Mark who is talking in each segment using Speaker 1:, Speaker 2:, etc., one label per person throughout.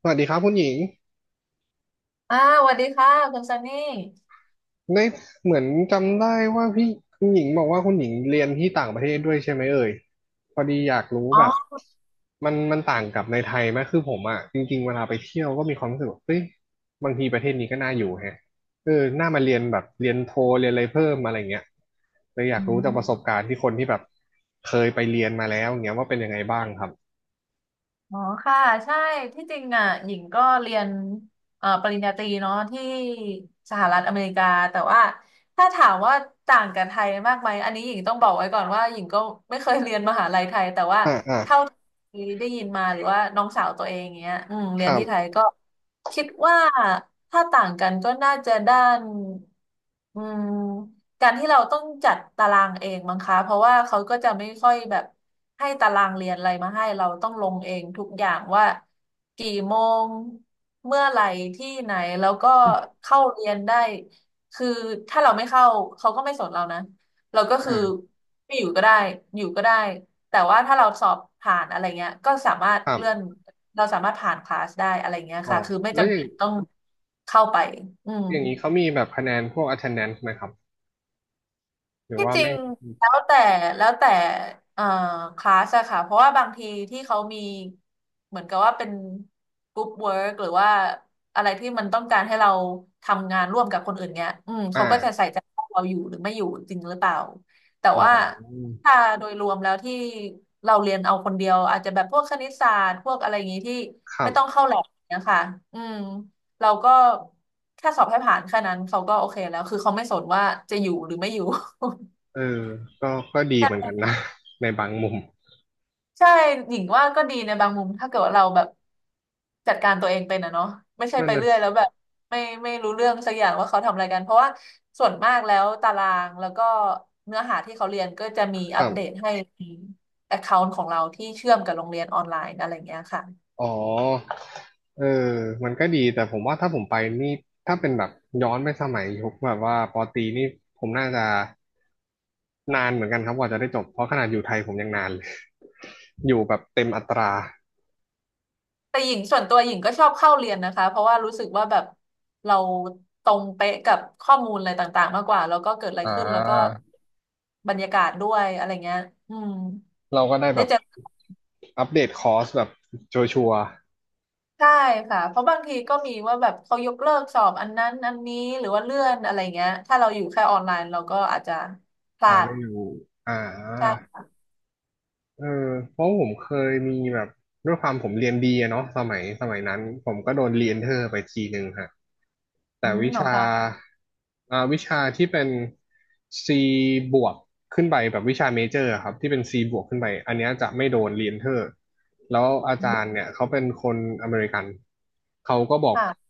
Speaker 1: สวัสดีครับคุณหญิง
Speaker 2: อ่าสวัสดีค่ะคุณซันนี่
Speaker 1: ได้เหมือนจำได้ว่าพี่คุณหญิงบอกว่าคุณหญิงเรียนที่ต่างประเทศด้วยใช่ไหมเอ่ยพอดีอยากรู้
Speaker 2: อ๋
Speaker 1: แบ
Speaker 2: อ
Speaker 1: บมันต่างกับในไทยไหมคือผมอ่ะจริงๆเวลาไปเที่ยวก็มีความรู้สึกว่าเฮ้ยบางทีประเทศนี้ก็น่าอยู่แฮะเออน่ามาเรียนแบบเรียนโทเรียนอะไรเพิ่มอะไรเงี้ยเลยอยา
Speaker 2: อื
Speaker 1: กรู้จากประส
Speaker 2: ม
Speaker 1: บการณ์ที่คนที่แบบเคยไปเรียนมาแล้วเงี้ยว่าเป็นยังไงบ้างครับ
Speaker 2: อ๋อค่ะใช่ที่จริงอ่ะหญิงก็เรียนปริญญาตรีเนาะที่สหรัฐอเมริกาแต่ว่าถ้าถามว่าต่างกับไทยมากไหมอันนี้หญิงต้องบอกไว้ก่อนว่าหญิงก็ไม่เคยเรียนมหาลัยไทยแต่ว่า
Speaker 1: อ่าอ่า
Speaker 2: เท่าที่ได้ยินมาหรือว่าน้องสาวตัวเองเงี้ย
Speaker 1: ค
Speaker 2: เรียน
Speaker 1: รั
Speaker 2: ที่ไทย
Speaker 1: บ
Speaker 2: ก็คิดว่าถ้าต่างกันก็น่าจะด้านอืม การที่เราต้องจัดตารางเองมั้งคะเพราะว่าเขาก็จะไม่ค่อยแบบให้ตารางเรียนอะไรมาให้เราต้องลงเองทุกอย่างว่ากี่โมงเมื่อไหร่ที่ไหนแล้วก็เข้าเรียนได้คือถ้าเราไม่เข้าเขาก็ไม่สนเรานะเราก็คือ
Speaker 1: อ่า
Speaker 2: ไม่อยู่ก็ได้อยู่ก็ได้แต่ว่าถ้าเราสอบผ่านอะไรเงี้ยก็สามารถ
Speaker 1: ครั
Speaker 2: เลื่อน
Speaker 1: บ
Speaker 2: เราสามารถผ่านคลาสได้อะไรเงี้ย
Speaker 1: อ๋อ
Speaker 2: ค่ะคือไม่
Speaker 1: แล้วอ
Speaker 2: จำ
Speaker 1: ย่าง
Speaker 2: เป็นต้องเข้าไปอืม
Speaker 1: อย่างนี้เขามีแบบคะแนนพวก attendance ไหมครับ หรือ
Speaker 2: ที่
Speaker 1: ว่า
Speaker 2: จริ
Speaker 1: ไม่
Speaker 2: ง
Speaker 1: มี
Speaker 2: แล้วแต่แล้วแต่เอ่อคลาสอะค่ะเพราะว่าบางทีที่เขามีเหมือนกับว่าเป็นกรุ๊ปเวิร์กหรือว่าอะไรที่มันต้องการให้เราทำงานร่วมกับคนอื่นเงี้ย
Speaker 1: อ
Speaker 2: เขาก็จะใส่
Speaker 1: ่า
Speaker 2: ใจว่าเราอยู่หรือไม่อยู่จริงหรือเปล่าแต่
Speaker 1: อ๋
Speaker 2: ว่า
Speaker 1: อ
Speaker 2: ถ้าโดยรวมแล้วที่เราเรียนเอาคนเดียวอาจจะแบบพวกคณิตศาสตร์พวกอะไรอย่างนี้ที่
Speaker 1: ครั
Speaker 2: ไม่ต้อง
Speaker 1: บ
Speaker 2: เข้าแลบเนี่ยค่ะอืมเราก็แค่สอบให้ผ่านแค่นั้นเขาก็โอเคแล้วคือเขาไม่สนว่าจะอยู่หรือไม่อยู่
Speaker 1: เออก็ก็ดีเหมือน
Speaker 2: ใช่
Speaker 1: กันนะ ในบางมุม
Speaker 2: ใช่หญิงว่าก็ดีในบางมุม ถ้าเกิดว่าเราแบบจัดการตัวเองเป็นอะเนาะไม่ใช่
Speaker 1: นั่น
Speaker 2: ไป
Speaker 1: นะ
Speaker 2: เรื่อยแล้วแบบไม่ไม่รู้เรื่องสักอย่างว่าเขาทำอะไรกันเพราะว่าส่วนมากแล้วตารางแล้วก็เนื้อหาที่เขาเรียนก็จะมี
Speaker 1: ค
Speaker 2: อั
Speaker 1: รั
Speaker 2: ปเดต
Speaker 1: บ
Speaker 2: ให้ในแอคเคาท์ของเราที่เชื่อมกับโรงเรียนออนไลน์อะไรเงี้ยค่ะ
Speaker 1: อ๋อเออมันก็ดี แต่ผมว่าถ้าผมไปนี่ ถ้าเป็นแบบย้อนไปสมัยยุคแบบว่าปอตรีนี่ผมน่าจะนานเหมือนกันครับกว่าจะได้จบ เพราะขนาดอยู่ไทยผมยังนานเลย อยู่แบบเต็มอัตรา
Speaker 2: แต่หญิงส่วนตัวหญิงก็ชอบเข้าเรียนนะคะเพราะว่ารู้สึกว่าแบบเราตรงเป๊ะกับข้อมูลอะไรต่างๆมากกว่าแล้วก็เกิดอะไร
Speaker 1: อ่
Speaker 2: ขึ้นแล้วก็
Speaker 1: า
Speaker 2: บรรยากาศด้วยอะไรเงี้ยอืม
Speaker 1: เราก็ได้แบ
Speaker 2: ได้
Speaker 1: บ
Speaker 2: เจอ
Speaker 1: อัปเดตคอร์สแบบชัวร์
Speaker 2: ใช่ค่ะเพราะบางทีก็มีว่าแบบเขายกเลิกสอบอันนั้นอันนี้หรือว่าเลื่อนอะไรเงี้ยถ้าเราอยู่แค่ออนไลน์เราก็อาจจะพ
Speaker 1: ๆ
Speaker 2: ลา
Speaker 1: อ่า
Speaker 2: ด
Speaker 1: ไม่อยู่อ่า
Speaker 2: ใช่
Speaker 1: เออเพราะผมเคยมีแบบด้วยความผมเรียนดีอะเนาะสมัยนั้นผมก็โดนเรียนเทอร์ไปทีหนึ่งฮะแต่
Speaker 2: อืม
Speaker 1: วิ
Speaker 2: เหรอ
Speaker 1: ชา
Speaker 2: คะ
Speaker 1: วิชาที่เป็น C บวกขึ้นไปแบบวิชาเมเจอร์อครับที่เป็น C บวกขึ้นไปอันเนี้ยจะไม่โดนเรียนเทอร์แล้วอาจารย์เนี่ยเขาเป็นคนอเมริกันเขาก็บอก
Speaker 2: ค่ะ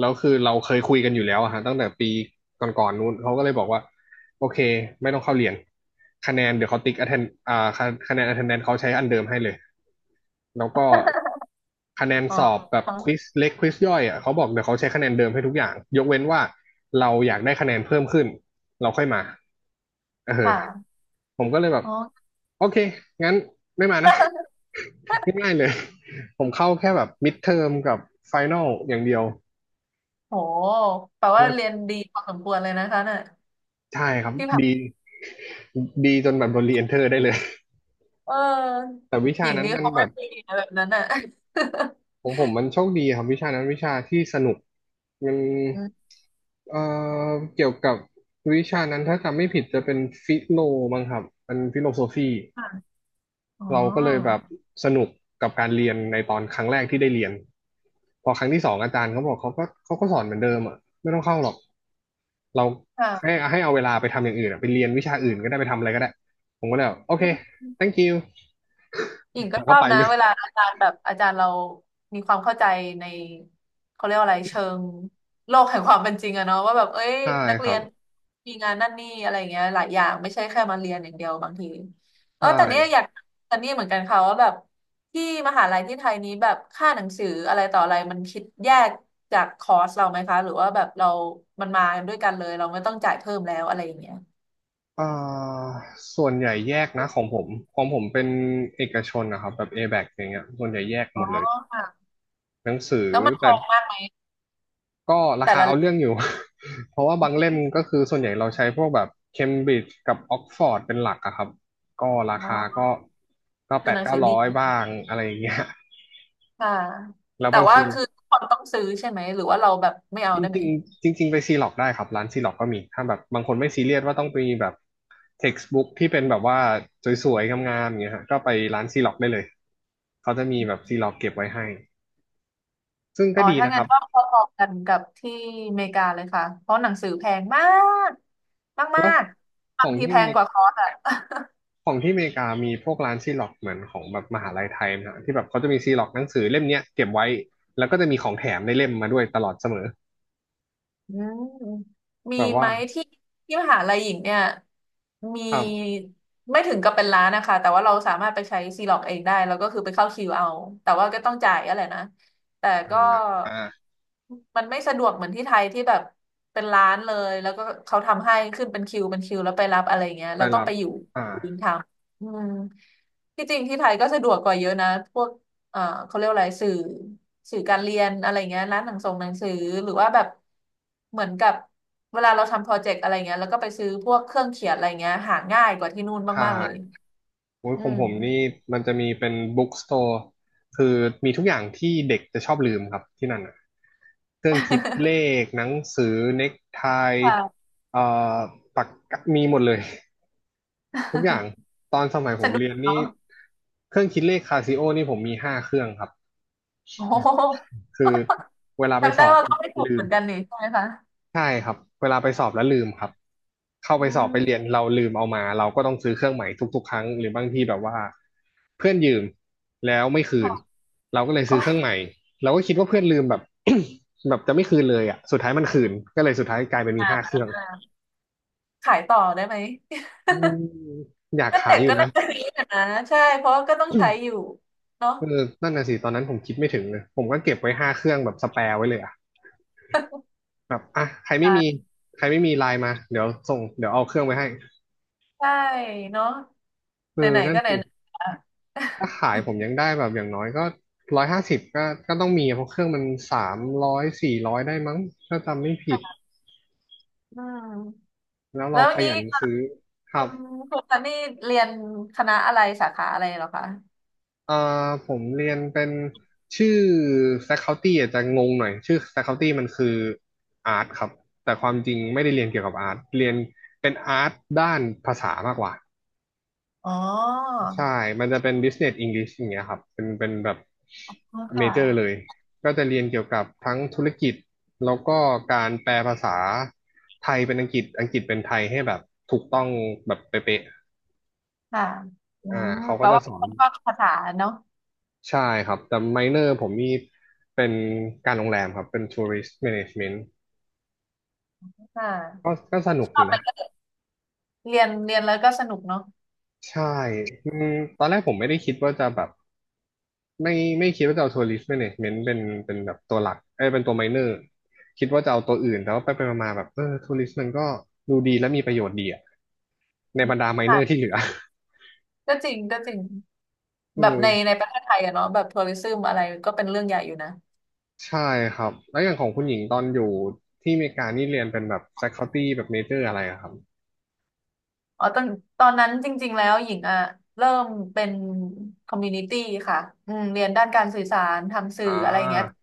Speaker 1: แล้วคือเราเคยคุยกันอยู่แล้วอะฮะตั้งแต่ปีก่อนๆนู้นเขาก็เลยบอกว่า โอเคไม่ต้องเข้าเรียนคะแนนเดี๋ยวเขาติ๊ก attend อ่าคะคะแนน attendance เขาใช้อันเดิมให้เลยแล้วก็คะแนน
Speaker 2: อ๋อ
Speaker 1: สอบแบบ
Speaker 2: อ๋อ
Speaker 1: ควิสเล็กควิสย่อยอ่ะเขาบอกเดี๋ยวเขาใช้คะแนนเดิมให้ทุกอย่างยกเว้นว่าเราอยากได้คะแนนเพิ่มขึ้นเราค่อยมา
Speaker 2: ค
Speaker 1: เออ
Speaker 2: ่ะ
Speaker 1: ผมก็เลยแบบ
Speaker 2: อ๋อ
Speaker 1: โอเคงั้นไม่มานะ ง่ายๆเลยผมเข้าแค่แบบมิดเทอมกับไฟน a ลอย่างเดียว
Speaker 2: โหแปลว่าเรี
Speaker 1: ก็
Speaker 2: ยนดีพอสมควรเลยนะคะเนี่ย
Speaker 1: ใช่ครับ
Speaker 2: ที่ผ่า
Speaker 1: ดี
Speaker 2: น
Speaker 1: ดีจนแบบโดนรีเอนเทอร์ได้เลย
Speaker 2: เออ
Speaker 1: แต่วิ
Speaker 2: ห
Speaker 1: ชา
Speaker 2: ญิง
Speaker 1: นั้น
Speaker 2: นี้
Speaker 1: มัน
Speaker 2: เขา
Speaker 1: แบ
Speaker 2: ไม่
Speaker 1: บ
Speaker 2: มีนะแบบนั้นอ่ะ
Speaker 1: ผมมันโชคดีครับวิชานั้นวิชาที่สนุกมัน
Speaker 2: อืม
Speaker 1: เอ่เกี่ยวกับวิชานั้นถ้าจำไม่ผิดจะเป็นฟิโลมั้งครับเป็นฟิโลโซฟี
Speaker 2: ค่ะอ๋อ
Speaker 1: เราก็เลยแบบสนุกกับการเรียนในตอนครั้งแรกที่ได้เรียนพอครั้งที่สองอาจารย์เขาบอกเขาก็สอนเหมือนเดิมอ่ะไม่ต้องเข้าหรอกเราให้
Speaker 2: ค่ะ
Speaker 1: ให้เอาเวลาไปทำอย่างอื่นอะไปเรียนวิชาอื่นก็ได้ไปทำอะไรก็ได้ผมก็เลยแบบโอเค thank you
Speaker 2: หญิงก็
Speaker 1: แล้ว
Speaker 2: ช
Speaker 1: ก็
Speaker 2: อบ
Speaker 1: ไป
Speaker 2: นะ
Speaker 1: เลย
Speaker 2: เวลาอาจารย์แบบอาจารย์เรามีความเข้าใจในเขาเรียกว่าอะไรเชิงโลกแห่งความเป็นจริงอะเนาะว่าแบบเอ้ย
Speaker 1: ใช่
Speaker 2: นัก
Speaker 1: ค
Speaker 2: เรี
Speaker 1: รั
Speaker 2: ย
Speaker 1: บ
Speaker 2: นมีงานนั่นนี่อะไรอย่างเงี้ยหลายอย่างไม่ใช่แค่มาเรียนอย่างเดียวบางที
Speaker 1: ใช
Speaker 2: เออแต่เนี้ยอ
Speaker 1: ่
Speaker 2: ยากแต่เนี้ยเหมือนกันค่ะว่าแบบที่มหาลัยที่ไทยนี้แบบค่าหนังสืออะไรต่ออะไรมันคิดแยกจากคอร์สเราไหมคะหรือว่าแบบเรามันมากันด้วยกันเลยเราไม่ต้องจ่ายเพิ่มแล้วอะไรอย่างเงี้ย
Speaker 1: อ่าส่วนใหญ่แยกนะของผมของผมเป็นเอกชนนะครับแบบ A-back อแบคอย่างเงี้ยส่วนใหญ่แยกห
Speaker 2: อ๋
Speaker 1: ม
Speaker 2: อ
Speaker 1: ดเลย
Speaker 2: ค่ะ
Speaker 1: หนังสือ
Speaker 2: แล้วมันแพ
Speaker 1: แต่
Speaker 2: งมากไหม
Speaker 1: ก็รา
Speaker 2: แต่
Speaker 1: คา
Speaker 2: ละ
Speaker 1: เอา
Speaker 2: เล่ม
Speaker 1: เรื่องอยู่ เพราะว่าบางเล่มก็คือส่วนใหญ่เราใช้พวกแบบเคมบริดจ์กับออกฟอร์ดเป็นหลักอะครับก็ราคา
Speaker 2: เนาะ
Speaker 1: ก็แป
Speaker 2: คือห
Speaker 1: ด
Speaker 2: นัง
Speaker 1: เก้า
Speaker 2: สือ
Speaker 1: ร้
Speaker 2: ดี
Speaker 1: อยบ้างอะไรอย่างเงี้ย
Speaker 2: ค่ะ
Speaker 1: แล้ว
Speaker 2: แต่
Speaker 1: บาง
Speaker 2: ว่า
Speaker 1: ที
Speaker 2: คือทุกคนต้องซื้อใช่ไหมหรือว่าเราแบบไม่เอา
Speaker 1: จ
Speaker 2: ได้ไหม
Speaker 1: ริงๆจริงๆไปซีล็อกได้ครับร้านซีล็อกก็มีถ้าแบบบางคนไม่ซีเรียสว่าต้องไปแบบ textbook ที่เป็นแบบว่าสวยๆงามๆอย่างเงี้ยฮะก็ไปร้านซีล็อกได้เลยเขาจะมีแบบซีล็อกเก็บไว้ให้ซึ่ง
Speaker 2: อ๋
Speaker 1: ก็
Speaker 2: อ
Speaker 1: ดี
Speaker 2: ถ้า
Speaker 1: นะค
Speaker 2: งั้น
Speaker 1: รับ
Speaker 2: ก็พอๆกันกับที่อเมริกาเลยค่ะเพราะหนังสือแพงมากมา
Speaker 1: แล้ว
Speaker 2: กๆ
Speaker 1: ข
Speaker 2: บา
Speaker 1: อ
Speaker 2: ง
Speaker 1: ง
Speaker 2: ที
Speaker 1: ที่
Speaker 2: แพ
Speaker 1: เม
Speaker 2: ง
Speaker 1: ก
Speaker 2: กว่าคอร์สอะ
Speaker 1: ของที่อเมริกามีพวกร้านซีล็อกเหมือนของแบบมหาลัยไทยนะฮะที่แบบเขาจะมีซีล็อกหนังสือเล่มเนี้ยเก็บไว้แล้วก็จะมีของแถมในเล่มมาด้วยตลอดเสมอ
Speaker 2: อืมมี
Speaker 1: แบบ
Speaker 2: ไห
Speaker 1: ว่า
Speaker 2: มที่ที่มหาลัยหญิงเนี่ยมี
Speaker 1: อ้าว
Speaker 2: ไม่ถึงกับเป็นร้านนะคะแต่ว่าเราสามารถไปใช้ซีล็อกเองได้แล้วก็คือไปเข้าคิวเอาแต่ว่าก็ต้องจ่ายอะไรนะแต่ก็
Speaker 1: อ่า
Speaker 2: มันไม่สะดวกเหมือนที่ไทยที่แบบเป็นร้านเลยแล้วก็เขาทำให้ขึ้นเป็นคิวเป็นคิวแล้วไปรับอะไรเงี้ย
Speaker 1: ไป
Speaker 2: เราต้อง
Speaker 1: รับ
Speaker 2: ไปอยู่
Speaker 1: อ่า
Speaker 2: ยิงทำอืมที่จริงที่ไทยก็สะดวกกว่าเยอะนะพวก เอ่อเขาเรียกวอะไรสื่อสื่อการเรียนอะไรเงี้ยร้านหนังส่งหนังสือหรือว่าแบบเหมือนกับเวลาเราทำโปรเจกต์อะไรเงี้ยแล้วก็ไปซื้อพวกเครื่องเขียนอะไรเงี้ยหาง่ายกว่าที่นู่น
Speaker 1: ใช่
Speaker 2: มากๆเลย
Speaker 1: โอ้ย
Speaker 2: อื
Speaker 1: ของผ
Speaker 2: ม
Speaker 1: มนี่มันจะมีเป็นบุ๊กสโตร์คือมีทุกอย่างที่เด็กจะชอบลืมครับที่นั่นอ่ะเครื่องคิดเล ขหนังสือเน็กไท
Speaker 2: ค่ะ
Speaker 1: เอ่อปากกามีหมดเลยทุกอย่าง ตอนสมัยผ
Speaker 2: ส
Speaker 1: ม
Speaker 2: นุก
Speaker 1: เรียน
Speaker 2: เนาะ
Speaker 1: นี่เครื่องคิดเลขคาซิโอนี่ผมมี5 เครื่องครับ
Speaker 2: โอ้โห
Speaker 1: คือเวลาไป
Speaker 2: จำ
Speaker 1: ส
Speaker 2: ได้
Speaker 1: อบ
Speaker 2: ว่าก็ไม่ถูก
Speaker 1: ลื
Speaker 2: เหมื
Speaker 1: ม
Speaker 2: อนกันนี่ใช่ไหมคะ
Speaker 1: ใช่ครับเวลาไปสอบแล้วลืมครับเข้าไป
Speaker 2: อื
Speaker 1: สอบไป
Speaker 2: ม
Speaker 1: เรียนเราลืมเอามาเราก็ต้องซื้อเครื่องใหม่ทุกๆครั้งหรือบางทีแบบว่าเพื่อนยืมแล้วไม่คื
Speaker 2: ค่ะ
Speaker 1: นเราก็เลย
Speaker 2: โอ้
Speaker 1: ซื้อเค
Speaker 2: ย
Speaker 1: รื่องใหม่เราก็คิดว่าเพื่อนลืมแบบ แบบจะไม่คืนเลยอ่ะสุดท้ายมันคืนก็เลยสุดท้ายกลายเป็นมี
Speaker 2: อ่
Speaker 1: ห้าเค
Speaker 2: า
Speaker 1: รื่อง
Speaker 2: ขายต่อได้ไหม
Speaker 1: อืมอยาก
Speaker 2: ก็
Speaker 1: ขา
Speaker 2: เด็
Speaker 1: ย
Speaker 2: ก
Speaker 1: อยู่
Speaker 2: ก็
Speaker 1: นะ
Speaker 2: น่าจะมีนะใช่เพราะว่าก็ต้องใช้อยู่เนาะ
Speaker 1: เออนั่นน่ะสิตอนนั้นผมคิดไม่ถึงเลยผมก็เก็บไว้ห้าเครื่องแบบสแปร์ไว้เลยอ่ะแบบอ่ะใครไม่
Speaker 2: อ่
Speaker 1: มี
Speaker 2: า
Speaker 1: ใครไม่มีไลน์มาเดี๋ยวส่งเดี๋ยวเอาเครื่องไปให้
Speaker 2: ใช่เนาะ
Speaker 1: เออ
Speaker 2: ไหนๆ
Speaker 1: นั่
Speaker 2: ก็
Speaker 1: น
Speaker 2: ไหน
Speaker 1: สิ
Speaker 2: ๆอ่ะ
Speaker 1: ถ้าขายผม ยังได้แบบอย่างน้อยก็ร้อยห้าสิบก็ต้องมีเพราะเครื่องมัน300400ได้มั้งถ้าจำไม่ผิด
Speaker 2: อืม
Speaker 1: แล้ว
Speaker 2: แล้
Speaker 1: เรา
Speaker 2: ว
Speaker 1: ข
Speaker 2: นี้
Speaker 1: ยันซื้อครั
Speaker 2: คุ
Speaker 1: บ
Speaker 2: ณคุณซันนี่เรียนคณะอะไรสาขาอะไรเหรอคะ
Speaker 1: เอ่ผมเรียนเป็นชื่อ faculty อาจจะงงหน่อยชื่อ faculty มันคือ Art ครับแต่ความจริงไม่ได้เรียนเกี่ยวกับ Art เรียนด้านภาษามากกว่า
Speaker 2: อ๋อ
Speaker 1: ใช่ มันจะเป็น Business English อย่างเงี้ยครับ เป็นแบบเม
Speaker 2: ค่
Speaker 1: เจอร์เลย
Speaker 2: ะ
Speaker 1: ก็จะเรียนเกี่ยวกับทั้งธุรกิจ แล้วก็การแปลภาษาไทยเป็นอังกฤษ อังกฤษเป็นไทยให้แบบถูกต้องแบบเป๊ะ
Speaker 2: ค่ะอื
Speaker 1: ๆอ่า
Speaker 2: ม
Speaker 1: เขา
Speaker 2: แป
Speaker 1: ก็
Speaker 2: ล
Speaker 1: จะ
Speaker 2: ว่า
Speaker 1: ส
Speaker 2: เป็
Speaker 1: อ
Speaker 2: นค
Speaker 1: น
Speaker 2: นชอบภาษาเนาะ
Speaker 1: ใช่ครับ แต่ไมเนอร์ผมนี่เป็นการโรงแรมครับเป็น Tourist Management
Speaker 2: ค่
Speaker 1: ก็
Speaker 2: ะ
Speaker 1: ก็สนุก
Speaker 2: ช
Speaker 1: อ
Speaker 2: อบ
Speaker 1: ยู่
Speaker 2: มั
Speaker 1: นะ
Speaker 2: นก็เรียนแล้วก็สนุกเนาะ
Speaker 1: ใช่อืมตอนแรกผมไม่ได้คิดว่าจะแบบไม่ไม่คิดว่าจะเอาทัวริสต์แมเนจเมนต์เป็นเป็นแบบตัวหลักเอ้ยเป็นตัวไมเนอร์คิดว่าจะเอาตัวอื่นแต่ว่าไปมาๆแบบเออทัวริสต์มันก็ดูดีและมีประโยชน์ดีอะในบรรดาไมเนอร์ที่
Speaker 2: ค่ะ
Speaker 1: เหลือ
Speaker 2: ก็จริง
Speaker 1: เอ
Speaker 2: แบบ
Speaker 1: อ
Speaker 2: ในประเทศไทยอะเนาะแบบทัวริซึมอะไรก็เป็นเรื่องใหญ่อยู่นะ
Speaker 1: ใช่ครับแล้วอย่างของคุณหญิงตอนอยู่ที่อเมริกานี่เรียนเป็นแบบ faculty แบบ major อะไรอะครับ
Speaker 2: อ๋อตอนนั้นจริงๆแล้วหญิงอ่ะเริ่มเป็นคอมมูนิตี้ค่ะอืมเรียนด้านการสื่อสารทำสื่
Speaker 1: อ่
Speaker 2: ออะไรอย่างเงี้ย
Speaker 1: า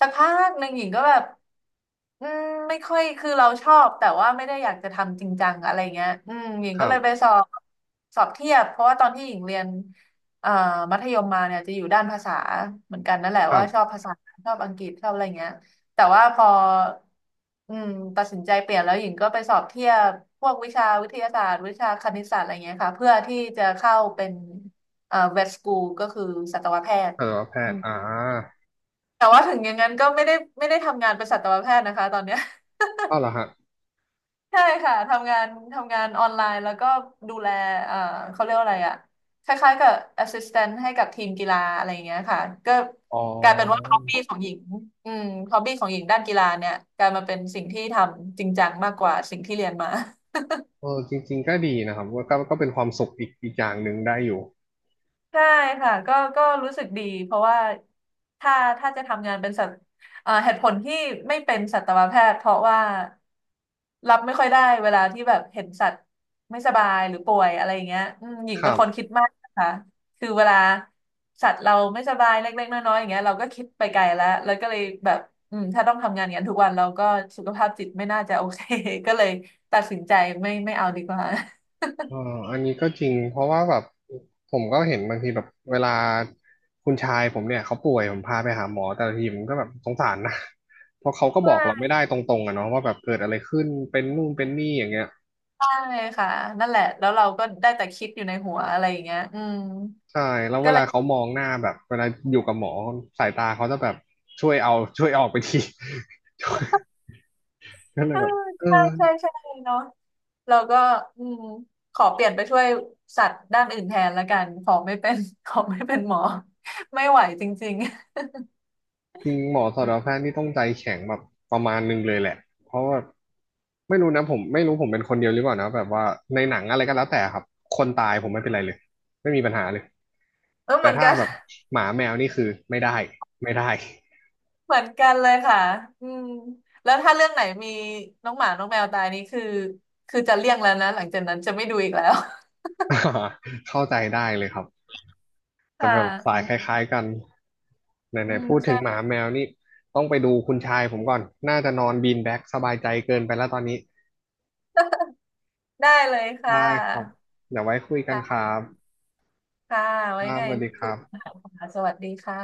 Speaker 2: สักพักหนึ่งหญิงก็แบบอืมไม่ค่อยคือเราชอบแต่ว่าไม่ได้อยากจะทำจริงจังอะไรเงี้ยอืมหญิง
Speaker 1: ค
Speaker 2: ก็
Speaker 1: รั
Speaker 2: เลยไป
Speaker 1: บ
Speaker 2: สอบสอบเทียบเพราะว่าตอนที่หญิงเรียนเอ่อมัธยมมาเนี่ยจะอยู่ด้านภาษาเหมือนกันนั่นแหละ
Speaker 1: ครั
Speaker 2: ว่าชอบ
Speaker 1: บ
Speaker 2: ภาษาชอบอังกฤษชอบอะไรเงี้ยแต่ว่าพออืมตัดสินใจเปลี่ยนแล้วหญิงก็ไปสอบเทียบพวกวิชาวิทยาศาสตร์วิชาคณิตศาสตร์อะไรเงี้ยค่ะเพื่อที่จะเข้าเป็นเวชสกูลก็คือสัตวแพทย์
Speaker 1: สัตวแพทย์อ่า
Speaker 2: แต่ว่าถึงอย่างนั้นก็ไม่ได้ทำงานเป็นสัตวแพทย์นะคะตอนเนี้ย
Speaker 1: อ้าวเหรอฮะ
Speaker 2: ใช่ค่ะทำงานออนไลน์แล้วก็ดูแลเอ่อเขาเรียกว่าอะไรอะคล้ายๆกับ assistant ให้กับทีมกีฬาอะไรอย่างเงี้ยค่ะก็
Speaker 1: อ๋อ
Speaker 2: กลายเป็นว่า hobby ของหญิงอืม hobby ของหญิงด้านกีฬาเนี่ยกลายมาเป็นสิ่งที่ทำจริงจังมากกว่าสิ่งที่เรียนมา
Speaker 1: เออจริงๆก็ดีนะครับก็เป็นความสุขอีกอย่างหนึ่งได้อยู่
Speaker 2: ใช่ค่ะก็ก็รู้สึกดีเพราะว่าถ้าถ้าจะทำงานเป็นสัตว์เหตุผลที่ไม่เป็นสัตวแพทย์เพราะว่ารับไม่ค่อยได้เวลาที่แบบเห็นสัตว์ไม่สบายหรือป่วยอะไรอย่างเงี้ยอืมหญิง
Speaker 1: ค
Speaker 2: เป็
Speaker 1: รั
Speaker 2: น
Speaker 1: บ
Speaker 2: คนคิดมากนะคะคือเวลาสัตว์เราไม่สบายเล็กๆน้อยๆอย่างเงี้ยเราก็คิดไปไกลแล้วแล้วก็เลยแบบอืมถ้าต้องทำงานอย่างนั้นทุกวันเราก็สุขภาพจิตไม่น่าจะโอเค ก็เลยตัดสินใจไม่เอาดีกว่า
Speaker 1: เอออันนี้ก็จริงเพราะว่าแบบผมก็เห็นบางทีแบบเวลาคุณชายผมเนี่ยเขาป่วยผมพาไปหาหมอแต่ละทีผมก็แบบสงสารนะ เพราะเขาก็บอกเราไม่
Speaker 2: ว่า
Speaker 1: ได้ตรงๆอะเนาะว่าแบบเกิดอะไรขึ้นเป็นนู่นเป็นนี่อย่างเงี้ย
Speaker 2: ใช่ค่ะนั่นแหละแล้วเราก็ได้แต่คิดอยู่ในหัวอะไรอย่างเงี้ยอืม
Speaker 1: ใช่แล้ว
Speaker 2: ก็
Speaker 1: เว
Speaker 2: เล
Speaker 1: ลา
Speaker 2: ย
Speaker 1: เขามองหน้าแบบเวลาอยู่กับหมอสายตาเขาจะแบบช่วยเอาช่วยออกไปที ก็เล
Speaker 2: เอ
Speaker 1: ย
Speaker 2: อ
Speaker 1: แบบเออ
Speaker 2: ใช่เนาะเราก็อืมขอเปลี่ยนไปช่วยสัตว์ด้านอื่นแทนละกันขอไม่เป็น ขอไม่เป็นหมอไม่ไหวจริง
Speaker 1: จริงหมอสัตว
Speaker 2: ๆ
Speaker 1: แพทย์นี่ต้องใจแข็งแบบประมาณนึงเลยแหละเพราะว่าไม่รู้นะผมไม่รู้ผมเป็นคนเดียวหรือเปล่านะแบบว่าในหนังอะไรก็แล้วแต่ครับคนตายผมไม่เป็นไรเลยไม่มีปัญหาเลย
Speaker 2: เออ
Speaker 1: แต่
Speaker 2: เหมือน
Speaker 1: ถ้า
Speaker 2: กัน
Speaker 1: แบบหมาแมวนี่คือไม่ได้ไม่ได้
Speaker 2: เหมือนกันเลยค่ะอืมแล้วถ้าเรื่องไหนมีน้องหมาน้องแมวตายนี่คือจะเลี่ยงแล้วนะหลังจากนั้นจะไม่ดูอีกแล้ว
Speaker 1: เข้าใจได้เลยครับ จะ
Speaker 2: ค่
Speaker 1: แบบสายค
Speaker 2: ะ
Speaker 1: ล้ายๆกันไห
Speaker 2: อื
Speaker 1: น
Speaker 2: ม
Speaker 1: ๆพูดถึ
Speaker 2: ใช่
Speaker 1: งหมาแมวนี่ต้องไปดูคุณชายผมก่อนน่าจะนอนบีนแบ็กสบายใจเกินไปแล้วตอนนี้
Speaker 2: ได้เลยค่
Speaker 1: ได้ครับ
Speaker 2: ะ
Speaker 1: เดี๋ยวไว้คุยกันค
Speaker 2: ค่ะ
Speaker 1: รับ
Speaker 2: ค่ะ
Speaker 1: ค
Speaker 2: ไว้
Speaker 1: รับ
Speaker 2: ไง
Speaker 1: สวัสดีค
Speaker 2: คุย
Speaker 1: รั
Speaker 2: กั
Speaker 1: บ
Speaker 2: นค่ะสวัสดีค่ะ